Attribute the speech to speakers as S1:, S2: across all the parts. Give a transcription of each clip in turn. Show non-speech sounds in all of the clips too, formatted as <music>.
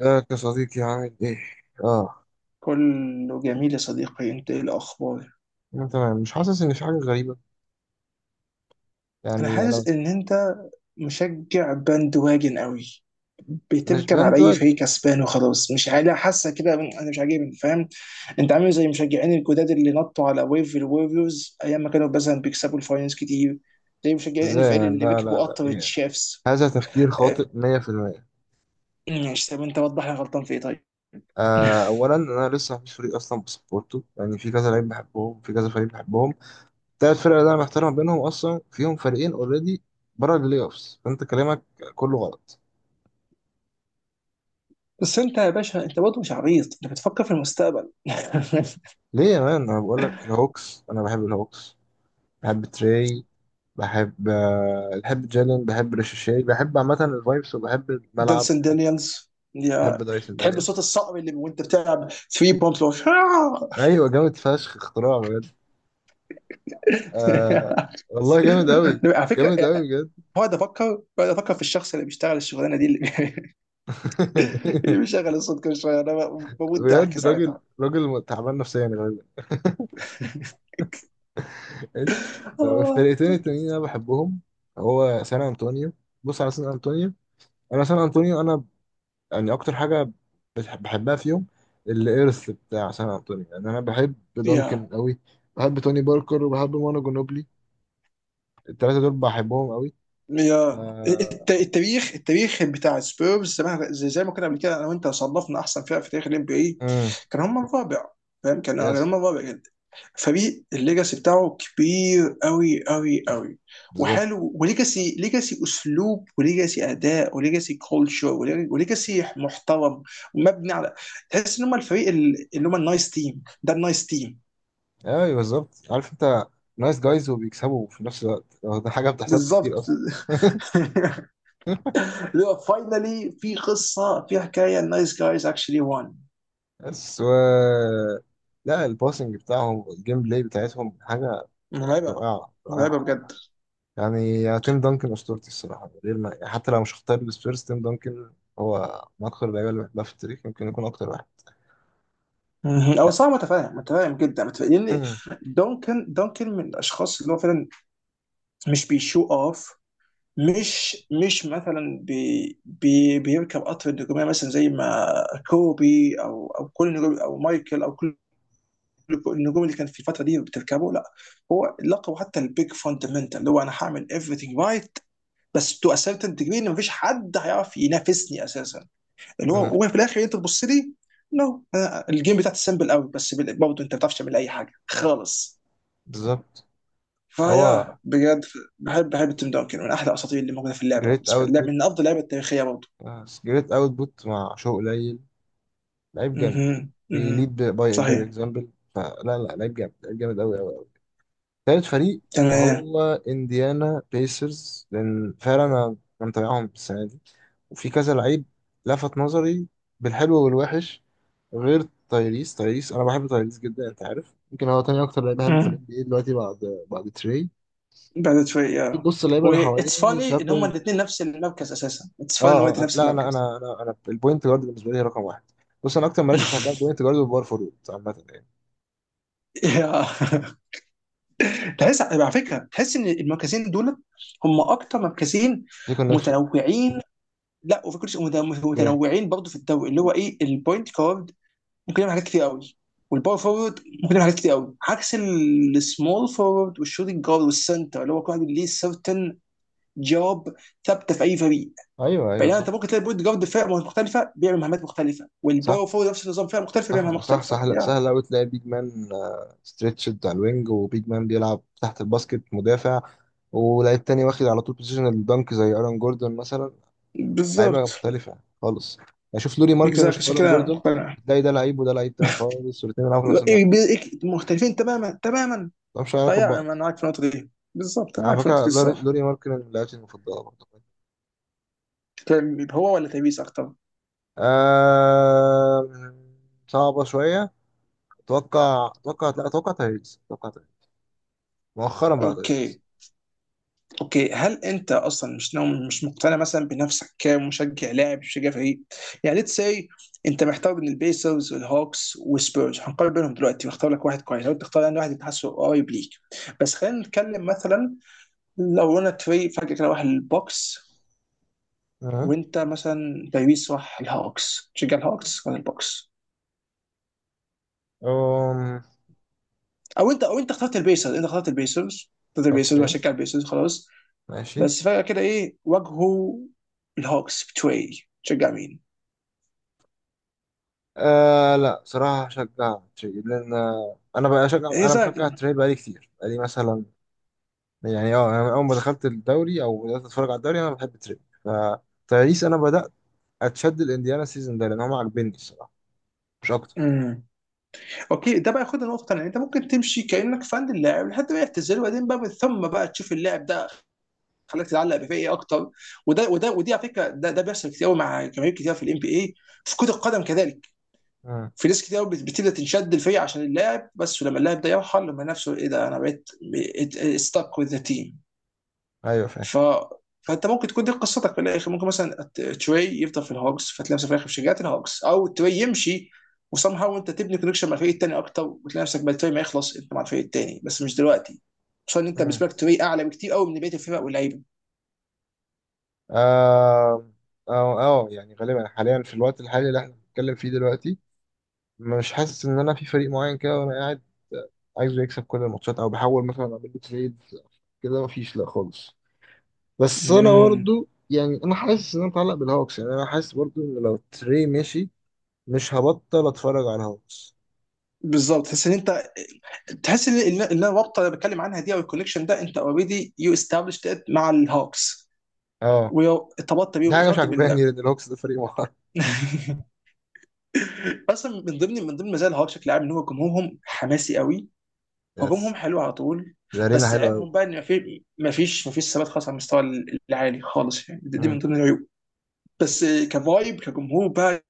S1: ازيك يا صديقي؟ عامل ايه؟ اه،
S2: كله جميل يا صديقي، انت ايه الاخبار؟
S1: انا تمام، مش حاسس ان في حاجة غريبة.
S2: انا
S1: يعني انا
S2: حاسس ان انت مشجع باند واجن قوي،
S1: مش
S2: بتركب على اي فريق
S1: بندواجن.
S2: كسبان وخلاص. مش عارف، حاسه كده انا مش عاجبني فاهم. انت عامل زي المشجعين الجداد اللي نطوا على ويف الوريوز ايام ما كانوا مثلا بيكسبوا الفاينلز كتير، زي مشجعين ان
S1: ازاي
S2: اف ال
S1: يعني؟
S2: اللي
S1: لا لا
S2: ركبوا
S1: لا
S2: قطر
S1: إيه.
S2: الشيفs.
S1: هذا تفكير
S2: اه،
S1: خاطئ 100%.
S2: ماشي، طب انت وضح لي أنا غلطان في ايه طيب.
S1: آه،
S2: <laughs>
S1: اولا انا لسه مفيش فريق اصلا بسبورته. يعني في كذا لعيب بحبهم، في كذا فريق بحبهم. تلات فرق اللي انا محتار ما بينهم، اصلا فيهم فريقين اوريدي بره البلاي اوفس، فانت كلامك كله غلط.
S2: بس انت يا باشا، انت برضه مش عبيط، انت بتفكر في المستقبل. <laughs>
S1: ليه يا مان؟ انا بقول لك الهوكس، انا بحب الهوكس. بحب تري، بحب آه، بحب جالن، بحب ريشيشي، بحب عامة الفايبس وبحب الملعب.
S2: دانسن دانيالز
S1: بحب
S2: يا.
S1: دايسون
S2: تحب صوت
S1: دانيلز.
S2: الصقر اللي وانت بتلعب 3 بومب؟ <laughs>
S1: أيوة، جامد فشخ، اختراع بجد. آه، والله جامد أوي،
S2: على فكره،
S1: جامد أوي بجد.
S2: بقعد افكر في الشخص اللي بيشتغل الشغلانه دي، اللي <laughs> اللي
S1: <laughs>
S2: بيشغل الصوت كل شويه، انا بموت ضحك
S1: بجد راجل
S2: ساعتها.
S1: راجل تعبان نفسيا غالبا. ماشي.
S2: <laughs>
S1: طب
S2: آه.
S1: الفرقتين التانيين اللي أنا بحبهم، هو سان أنطونيو. بص على سان أنطونيو. أنا يعني اكتر حاجه بحبها فيهم، الارث بتاع سان انطونيو. يعني انا بحب دانكن
S2: يا
S1: قوي، بحب توني باركر وبحب مانو جنوبلي. الثلاثه دول بحبهم قوي.
S2: يا التاريخ بتاع سبيرز زمان، زي ما كنا قبل كده انا وانت صنفنا احسن فرق في تاريخ الام بي اي،
S1: امم،
S2: كان هم الرابع. فاهم، كان
S1: يس،
S2: هم الرابع جدا. فريق الليجاسي بتاعه كبير قوي قوي قوي
S1: بالظبط.
S2: وحلو. وليجاسي اسلوب، وليجاسي اداء، وليجاسي كولتشر، وليجاسي محترم، ومبني على. تحس ان هم الفريق اللي هم النايس تيم، ده النايس تيم
S1: ايوه بالظبط، عارف انت، نايس جايز وبيكسبوا في نفس الوقت، هو ده حاجه ما بتحصلش
S2: بالظبط.
S1: كتير اصلا. <laughs>
S2: <laughs> فاينلي في حكايه النايس جايز اكشلي وان.
S1: بس و... لا الباسنج بتاعهم، الجيم بلاي بتاعتهم حاجه يعني
S2: مرعبه.
S1: رائعه
S2: مرعبه
S1: رائعه
S2: بجد.
S1: يعني يا تيم دانكن اسطورتي الصراحه، من غير ما يعني، حتى لو مش هختار السبيرز، تيم دانكن هو من اكثر اللعيبه اللي بحبها في التاريخ، يمكن يكون اكتر واحد.
S2: مم. او
S1: آه،
S2: صعب، متفاهم جدا متفاهم، لان
S1: أمم،
S2: دونكن من الاشخاص اللي هو فعلا مش بيشو اوف. مش مش مثلا بي بي بيركب قطر النجوميه مثلا زي ما كوبي او كل النجوم او مايكل او كل النجوم اللي كان في الفتره دي بتركبه. لا، هو لقبه حتى البيج فاندمنتال، اللي هو انا هعمل everything right، بس تو اسيرتن ديجري ان مفيش حد هيعرف ينافسني اساسا. اللي
S1: أمم،
S2: هو وفي الاخر انت تبص لي نو، الجيم بتاعتي سمبل قوي، بس برضه انت ما بتعرفش تعمل اي حاجه خالص
S1: بالظبط. هو
S2: فيا بجد. بحب تيم دانكن، من احلى الاساطير اللي موجوده في اللعبه
S1: جريت
S2: بالنسبه لي.
S1: اوتبوت،
S2: من افضل اللعبه التاريخيه برضه.
S1: جريت اوتبوت مع شو قليل. لعيب جامد.
S2: اها، اها.
S1: بيليد باي باي
S2: صحيح.
S1: اكزامبل. فلا لا، لعيب جامد، لعيب جامد قوي قوي. تالت فريق،
S2: تمام.
S1: وهو انديانا بيسرز، لان فعلا أنا متابعهم السنه دي، وفي كذا لعيب لفت نظري، بالحلو والوحش. غير تايريس، تايريس انا بحب تايريس جدا. انت عارف يمكن هو تاني اكتر لعيب بحبه في
S2: مم.
S1: الان بي اي دلوقتي، بعد بعد تري.
S2: بعد شويه
S1: في
S2: yeah.
S1: بص
S2: و
S1: اللعيبه اللي
S2: اتس
S1: حواليه
S2: فاني ان هما
S1: شابرد.
S2: الاثنين نفس المركز اساسا، اتس فاني ان هما
S1: اه اه
S2: الاثنين نفس
S1: لا انا
S2: المركز.
S1: انا انا انا البوينت جارد بالنسبه لي رقم واحد. بص انا اكتر مراكز بحبها
S2: <laughs>
S1: البوينت جارد والباور فورورد عامه يعني،
S2: يا، تحس على فكره، تحس ان المركزين دول هم اكتر مركزين
S1: في كونكشن.
S2: متنوعين. لا، وفي كل شيء،
S1: اوكي.
S2: متنوعين برضه في الدوري، اللي هو ايه، البوينت كارد ممكن يعمل حاجات كتير قوي، والباور فورورد ممكن يعمل حاجات كتير قوي، عكس السمول فورورد والشوتنج جارد والسنتر، اللي هو كل واحد ليه سيرتن جوب ثابته في اي فريق.
S1: ايوه ايوه
S2: بينما انت
S1: صح،
S2: ممكن تلاقي البوينت جارد فرقه مختلفه بيعمل مهمات مختلفه،
S1: صح
S2: والباور فورورد نفس النظام، فرقه مختلفه بيعمل
S1: صح
S2: مهمات
S1: صح.
S2: مختلفه
S1: سهل
S2: يا.
S1: سهل أوي تلاقي بيج مان ستريتشد على الوينج، وبيج مان بيلعب تحت الباسكت مدافع، ولاعيب تاني واخد على طول بوزيشن الدنك زي ايرون جوردون مثلا. لعيبة
S2: بالظبط
S1: مختلفة خالص. أشوف لوري ماركن
S2: بالظبط
S1: وأشوف
S2: عشان
S1: ايرون
S2: كده
S1: جوردون،
S2: مقتنع
S1: تلاقي ده لعيب وده لعيب تاني خالص، والاتنين بيلعبوا في نفس المركز،
S2: مختلفين تماما تماما.
S1: ملهمش أي علاقة
S2: فيا،
S1: ببعض.
S2: انا معاك في النقطه دي بالظبط، انا
S1: على
S2: معاك في النقطه
S1: فكرة
S2: دي الصراحه.
S1: لوري ماركن من لعيبتي المفضلة برضه.
S2: كان هو ولا تبيس اكتر؟
S1: آه... صعبة شوية. أتوقع أتوقع لا أتوقع تايريس أتوقع تايريس مؤخرا، بقى
S2: اوكي،
S1: تايريس.
S2: اوكي. هل انت اصلا مش نوم، مش مقتنع مثلا بنفسك كمشجع لاعب، مشجع فريق؟ يعني ليتس سي، انت محتار بين البيسرز والهوكس والسبيرز، هنقارن بينهم دلوقتي واختار لك واحد كويس، لو انت تختار يعني واحد انت حاسه قريب ليك. بس خلينا نتكلم مثلا، لو انا فريق فجاه كده راح البوكس،
S1: أه.
S2: وانت مثلا تبيس راح الهوكس، تشجع الهوكس ولا البوكس؟
S1: أم...
S2: او انت اخترت البيسرز، انت اخترت البيسرز
S1: اوكي،
S2: وهشجع البيسرز خلاص.
S1: ماشي.
S2: بس فجاه كده ايه، واجهوا الهوكس بتوعي، تشجع مين؟
S1: آه لا، صراحة هشجع تري، لأن آه، أنا بقى أشجع
S2: ايه
S1: أنا
S2: رايك؟
S1: بشجع التري بقالي كتير، بقالي مثلا، يعني أه أنا من أول ما دخلت الدوري أو بدأت أتفرج على الدوري أنا بحب التري. فتاريس أنا بدأت أتشد الإنديانا السيزون ده لأن هم عاجبني الصراحة، مش أكتر.
S2: امم اوكي، ده بقى ياخدنا نقطه ثانيه. انت ممكن تمشي كانك فان اللاعب لحد ما يعتزل، وبعدين بقى من ثم بقى تشوف اللاعب ده خلاك تتعلق بيه ايه اكتر. وده وده ودي على فكره، ده بيحصل كتير قوي مع جماهير كتير في الام بي اي، في كره القدم كذلك.
S1: مم.
S2: في ناس كتير قوي بتبدا تنشد الفريق عشان اللاعب بس، ولما اللاعب ده يرحل لما نفسه ايه، ده انا بقيت ستاك وذ ذا تيم.
S1: أيوه فاهم.
S2: ف فانت ممكن تكون دي قصتك في الاخر. ممكن مثلا تري يفضل في الهوكس فتلاقي نفسك في الاخر في شجاعه الهوكس، او تري يمشي وسام هاو انت تبني كونكشن مع الفريق التاني اكتر وتلاقي نفسك بعد تري ما يخلص انت مع الفريق التاني، بس مش دلوقتي. خصوصا ان انت
S1: مم.
S2: بالنسبه لك تري اعلى بكتير قوي من بقيه الفرق واللعيبه.
S1: آه، أه أه، يعني غالبا حاليا في الوقت الحالي اللي إحنا بنتكلم فيه دلوقتي، مش حاسس إن أنا في فريق معين كده وأنا قاعد عايزه يكسب كل الماتشات، أو بحاول مثلا أعمل له تريد كده. مفيش لا خالص. بس انا
S2: امم
S1: برضو يعني انا حاسس ان انا متعلق بالهوكس. يعني انا حاسس برضو ان لو تري مشي مش هبطل اتفرج على الهوكس.
S2: بالظبط، تحس ان انت، تحس ان ان إن الرابطه اللي بتكلم عنها دي او الكونكشن ده انت اوريدي يو استابلشت مع الهوكس،
S1: اه.
S2: وارتبطت بيه،
S1: دي حاجه مش
S2: ارتبطت
S1: عجباني
S2: بالله.
S1: لان الهوكس ده فريق محترم.
S2: <laughs> اصلا من ضمن مزايا الهوكس بشكل عام ان هو جمهورهم حماسي قوي، هجومهم
S1: يس.
S2: حلو على طول.
S1: الارينا
S2: بس
S1: حلوه قوي.
S2: عيبهم بقى ان مفيش ثبات خالص على المستوى العالي خالص، يعني دي من
S1: مم.
S2: ضمن العيوب. بس كفايب، كجمهور بقى،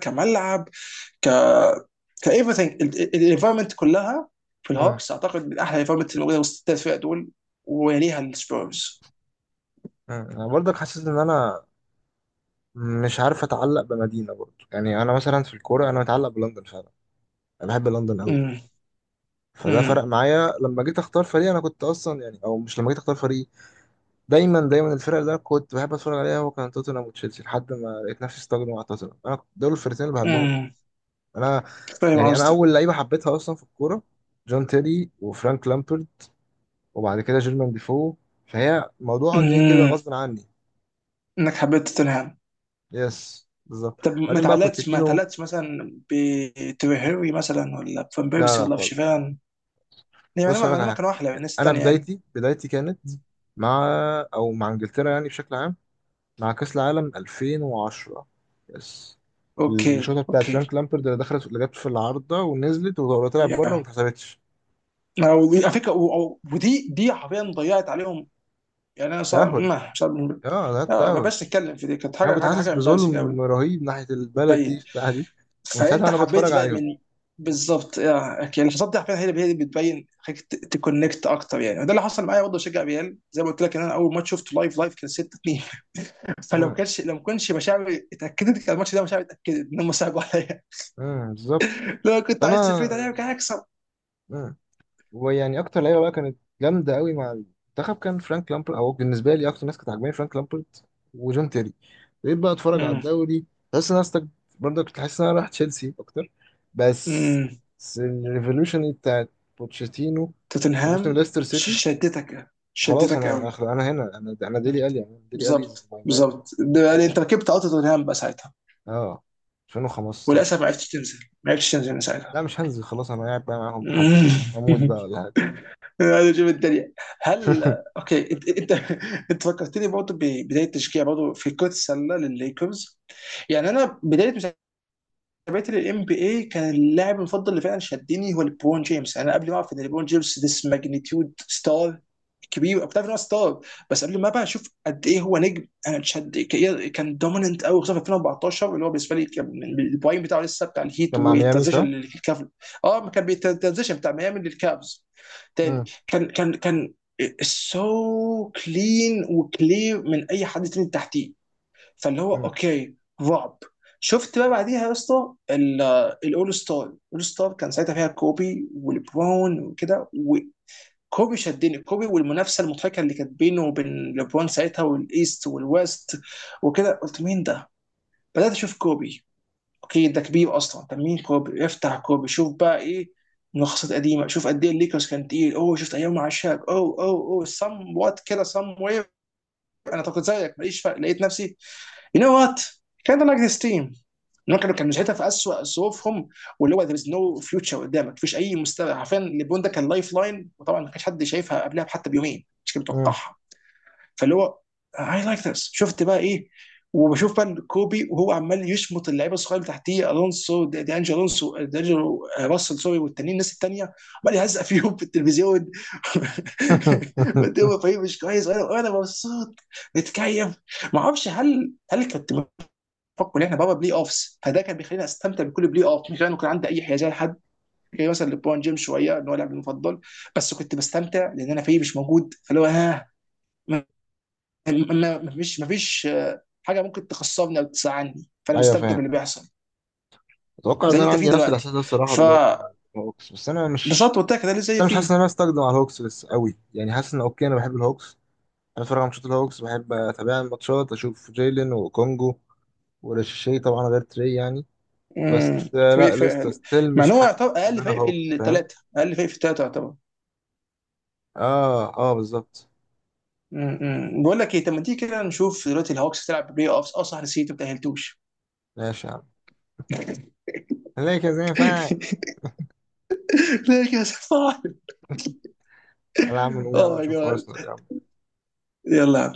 S2: كملعب، ك كايفرثينج الانفايرمنت كلها في
S1: مم.
S2: الهوكس اعتقد من احلى الانفايرمنت اللي موجوده وسط الثلاث فرق دول، ويليها السبيرز.
S1: مم. انا برضك حاسس ان انا مش عارف اتعلق بمدينه برضو. يعني انا مثلا في الكوره انا متعلق بلندن فعلا، انا بحب لندن قوي.
S2: امم
S1: فده فرق
S2: امم
S1: معايا لما جيت اختار فريق. انا كنت اصلا يعني، او مش لما جيت اختار فريق، دايما الفرق اللي انا كنت بحب اتفرج عليها هو كان توتنهام وتشيلسي، لحد ما لقيت نفسي استجنوا على توتنهام. انا دول الفرقتين اللي بحبهم.
S2: امم
S1: انا،
S2: فاهم
S1: يعني انا
S2: قصدك.
S1: اول لعيبه حبيتها اصلا في الكوره جون تيري وفرانك لامبرد، وبعد كده جيرمان ديفو. فهي موضوع جاي كده
S2: امم
S1: غصب عني.
S2: انك حبيت توتنهام.
S1: يس بالظبط.
S2: طب ما
S1: بعدين بقى
S2: تعلقتش ما
S1: بوتشيتينو.
S2: تعلقتش مثلا بتريهيري مثلا، ولا بفان
S1: لا
S2: بيرسي،
S1: لا
S2: ولا
S1: خالص.
S2: بشيفان؟ يعني
S1: بص اقول لك على
S2: ما
S1: حاجه.
S2: كانوا احلى من الناس
S1: انا
S2: التانية يعني.
S1: بدايتي بدايتي كانت مع، او مع انجلترا يعني بشكل عام، مع كأس العالم 2010. يس.
S2: اوكي،
S1: الشوطة بتاعت
S2: اوكي.
S1: فرانك لامبرد اللي دخلت، اللي جت في العارضة ونزلت وطلعت بره وما
S2: يا،
S1: اتحسبتش.
S2: أنا على فكره، و- و- ودي دي حرفيا ضيعت عليهم. يعني انا صار
S1: تأهل.
S2: ما، مش عارف.
S1: اه ده
S2: لا، ما
S1: التأهل.
S2: بقاش نتكلم في دي، كانت
S1: انا
S2: حاجه
S1: كنت
S2: حاجه
S1: حاسس
S2: حاجه امبارسنج
S1: بظلم
S2: قوي.
S1: رهيب ناحية البلد دي
S2: باين.
S1: في الساعة دي، ومن ساعتها
S2: فانت
S1: انا بتفرج
S2: حبيت بقى
S1: عليهم.
S2: من بالظبط، يا. اوكي، الحصاد دي حرفيا هي اللي بتبين خليك تكونكت اكتر. يعني ده اللي حصل معايا برضه، بشجع ريال، زي ما قلت لك ان انا اول ماتش شفته لايف كان 6-2. <laughs> فلو
S1: امم،
S2: كانش لو ما كانش مشاعري اتاكدت كان الماتش ده مشاعري اتاكدت ان هم ساقوا عليا.
S1: امم، بالظبط.
S2: <laughs> لو كنت عايز
S1: فانا،
S2: تفريد عليا كان هيكسب.
S1: مم، ويعني اكتر لعيبه بقى كانت جامده قوي مع المنتخب كان فرانك لامبرت، او بالنسبه لي اكتر ناس كانت عاجباني فرانك لامبرت وجون تيري. بقيت بقى اتفرج على
S2: أمم.
S1: الدوري. بس انا أستك... برضه كنت حاسس ان انا رايح تشيلسي اكتر، بس
S2: أمم.
S1: بس الريفولوشن بتاعت بوتشيتينو في
S2: توتنهام
S1: موسم ليستر
S2: ش-
S1: سيتي،
S2: شدتك
S1: خلاص
S2: شدتك
S1: انا
S2: قوي
S1: أخ- انا هنا انا انا ديلي
S2: انت.
S1: الي انا ديلي الي از
S2: بالظبط
S1: ماي مان.
S2: بالظبط ده يعني انت ركبت قطر توتنهام بقى ساعتها،
S1: اه، 2015.
S2: وللاسف ما عرفتش تنزل من ساعتها.
S1: لا مش هنزل خلاص، انا قاعد بقى معاهم لحد اموت بقى
S2: <laughs>
S1: ولا حاجه.
S2: عايز اشوف الدنيا، هل.
S1: <laughs>
S2: اوكي، انت فكرتني برضه ببدايه تشجيع برضه في كره السله للليكرز. يعني انا بدايه تابعت للام بي اي، كان اللاعب المفضل اللي فعلا شدني هو ليبرون جيمس. يعني انا قبل ما اعرف ان ليبرون جيمس ذس ماجنتيود ستار كبير، بتعرف ان هو ستار، بس قبل ما بقى اشوف قد ايه هو نجم انا اتشد، كان دوميننت قوي خصوصا في 2014، اللي هو بالنسبه لي كان البرايم بتاعه لسه، بتاع الهيت
S1: كان مع ميامي
S2: والترانزيشن
S1: صح؟
S2: للكافل. اه، ما كان بيترانزيشن بتاع ميامي للكافز تاني.
S1: مم.
S2: كان سو كلين وكلير من اي حد تاني تحتيه. فاللي هو اوكي رعب. شفت بقى بعديها يا اسطى الاول ستار الاول ستار كان ساعتها فيها كوبي ولبرون وكده، وكوبي شدني. كوبي والمنافسه المضحكه اللي كانت بينه وبين لبرون ساعتها والايست والويست وكده، قلت مين ده؟ بدات اشوف كوبي. اوكي ده كبير اصلا، طب مين كوبي؟ افتح كوبي شوف بقى ايه، ملخصات قديمه. شوف قد ايه الليكرز كان تقيل. اوه، شفت ايام مع شاك، اوه اوه اوه، سم وات كده، سم وير. انا كنت زيك، ماليش فرق، لقيت نفسي You know what? Kind of like this team. ان هم كانوا ساعتها في اسوء ظروفهم، واللي هو there is no future قدامك، مفيش اي مستقبل حرفيا. ليبرون ده كان لايف لاين، وطبعا ما كانش حد شايفها قبلها حتى بيومين، مش كان
S1: مم.
S2: متوقعها. فاللي هو اي لايك ذس. شفت بقى ايه، وبشوف بقى كوبي وهو عمال يشمط اللعيبه الصغيره اللي تحتيه، الونسو دي انجلو، الونسو دي انجلو، راسل، سوري، والتانيين، الناس التانيه عمال يهزق فيهم في التلفزيون. <laughs> <applause>
S1: <laughs>
S2: وقدامه فريق مش كويس، وانا مبسوط متكيف. ما اعرفش هل كانت فكوا ان احنا بابا بلاي اوفس. فده كان بيخليني استمتع بكل بلاي اوف مش لانه كان عندي اي حيازيه لحد. كان مثلا لبرون جيمس شويه ان هو لاعبي المفضل، بس كنت بستمتع لان انا فيه مش موجود. فاللي هو ها ما ما- ما فيش حاجه ممكن تخسرني او تزعلني، فانا
S1: ايوه
S2: مستمتع
S1: فاهم.
S2: باللي بيحصل،
S1: اتوقع
S2: زي
S1: ان
S2: اللي
S1: انا
S2: انت فيه
S1: عندي نفس الاحساس
S2: دلوقتي،
S1: ده الصراحه دلوقتي مع
S2: فبسطت.
S1: الهوكس، بس انا مش،
S2: قلت لك ده اللي زي
S1: انا مش حاسس
S2: فيه.
S1: ان انا استخدم على الهوكس بس قوي. يعني حاسس ان اوكي انا بحب الهوكس، انا بتفرج على ماتشات الهوكس، بحب اتابع الماتشات، اشوف جيلين وكونجو وريشي طبعا غير تري يعني.
S2: مم.
S1: بس آه،
S2: فريق
S1: لا
S2: فريق
S1: لسه
S2: حلو،
S1: ستيل
S2: مع
S1: مش
S2: ان هو
S1: حاسس
S2: يعتبر
S1: ان
S2: اقل
S1: انا
S2: فريق في
S1: هوك، فاهم.
S2: الثلاثه، اقل فريق في الثلاثه يعتبر.
S1: اه اه بالظبط.
S2: مم. بقول لك ايه، طب ما تيجي كده نشوف دلوقتي الهوكس تلعب بلاي اوفس. اه صح، نسيت، ما تاهلتوش.
S1: ماشي يا عم، هنلاقي كذا ينفع.
S2: <laughs> ليه كاس العالم؟
S1: تعالى يا عم، نقول يا
S2: اوه
S1: عم
S2: ماي
S1: نشوف
S2: جاد،
S1: ارسنال يا عم.
S2: يلا.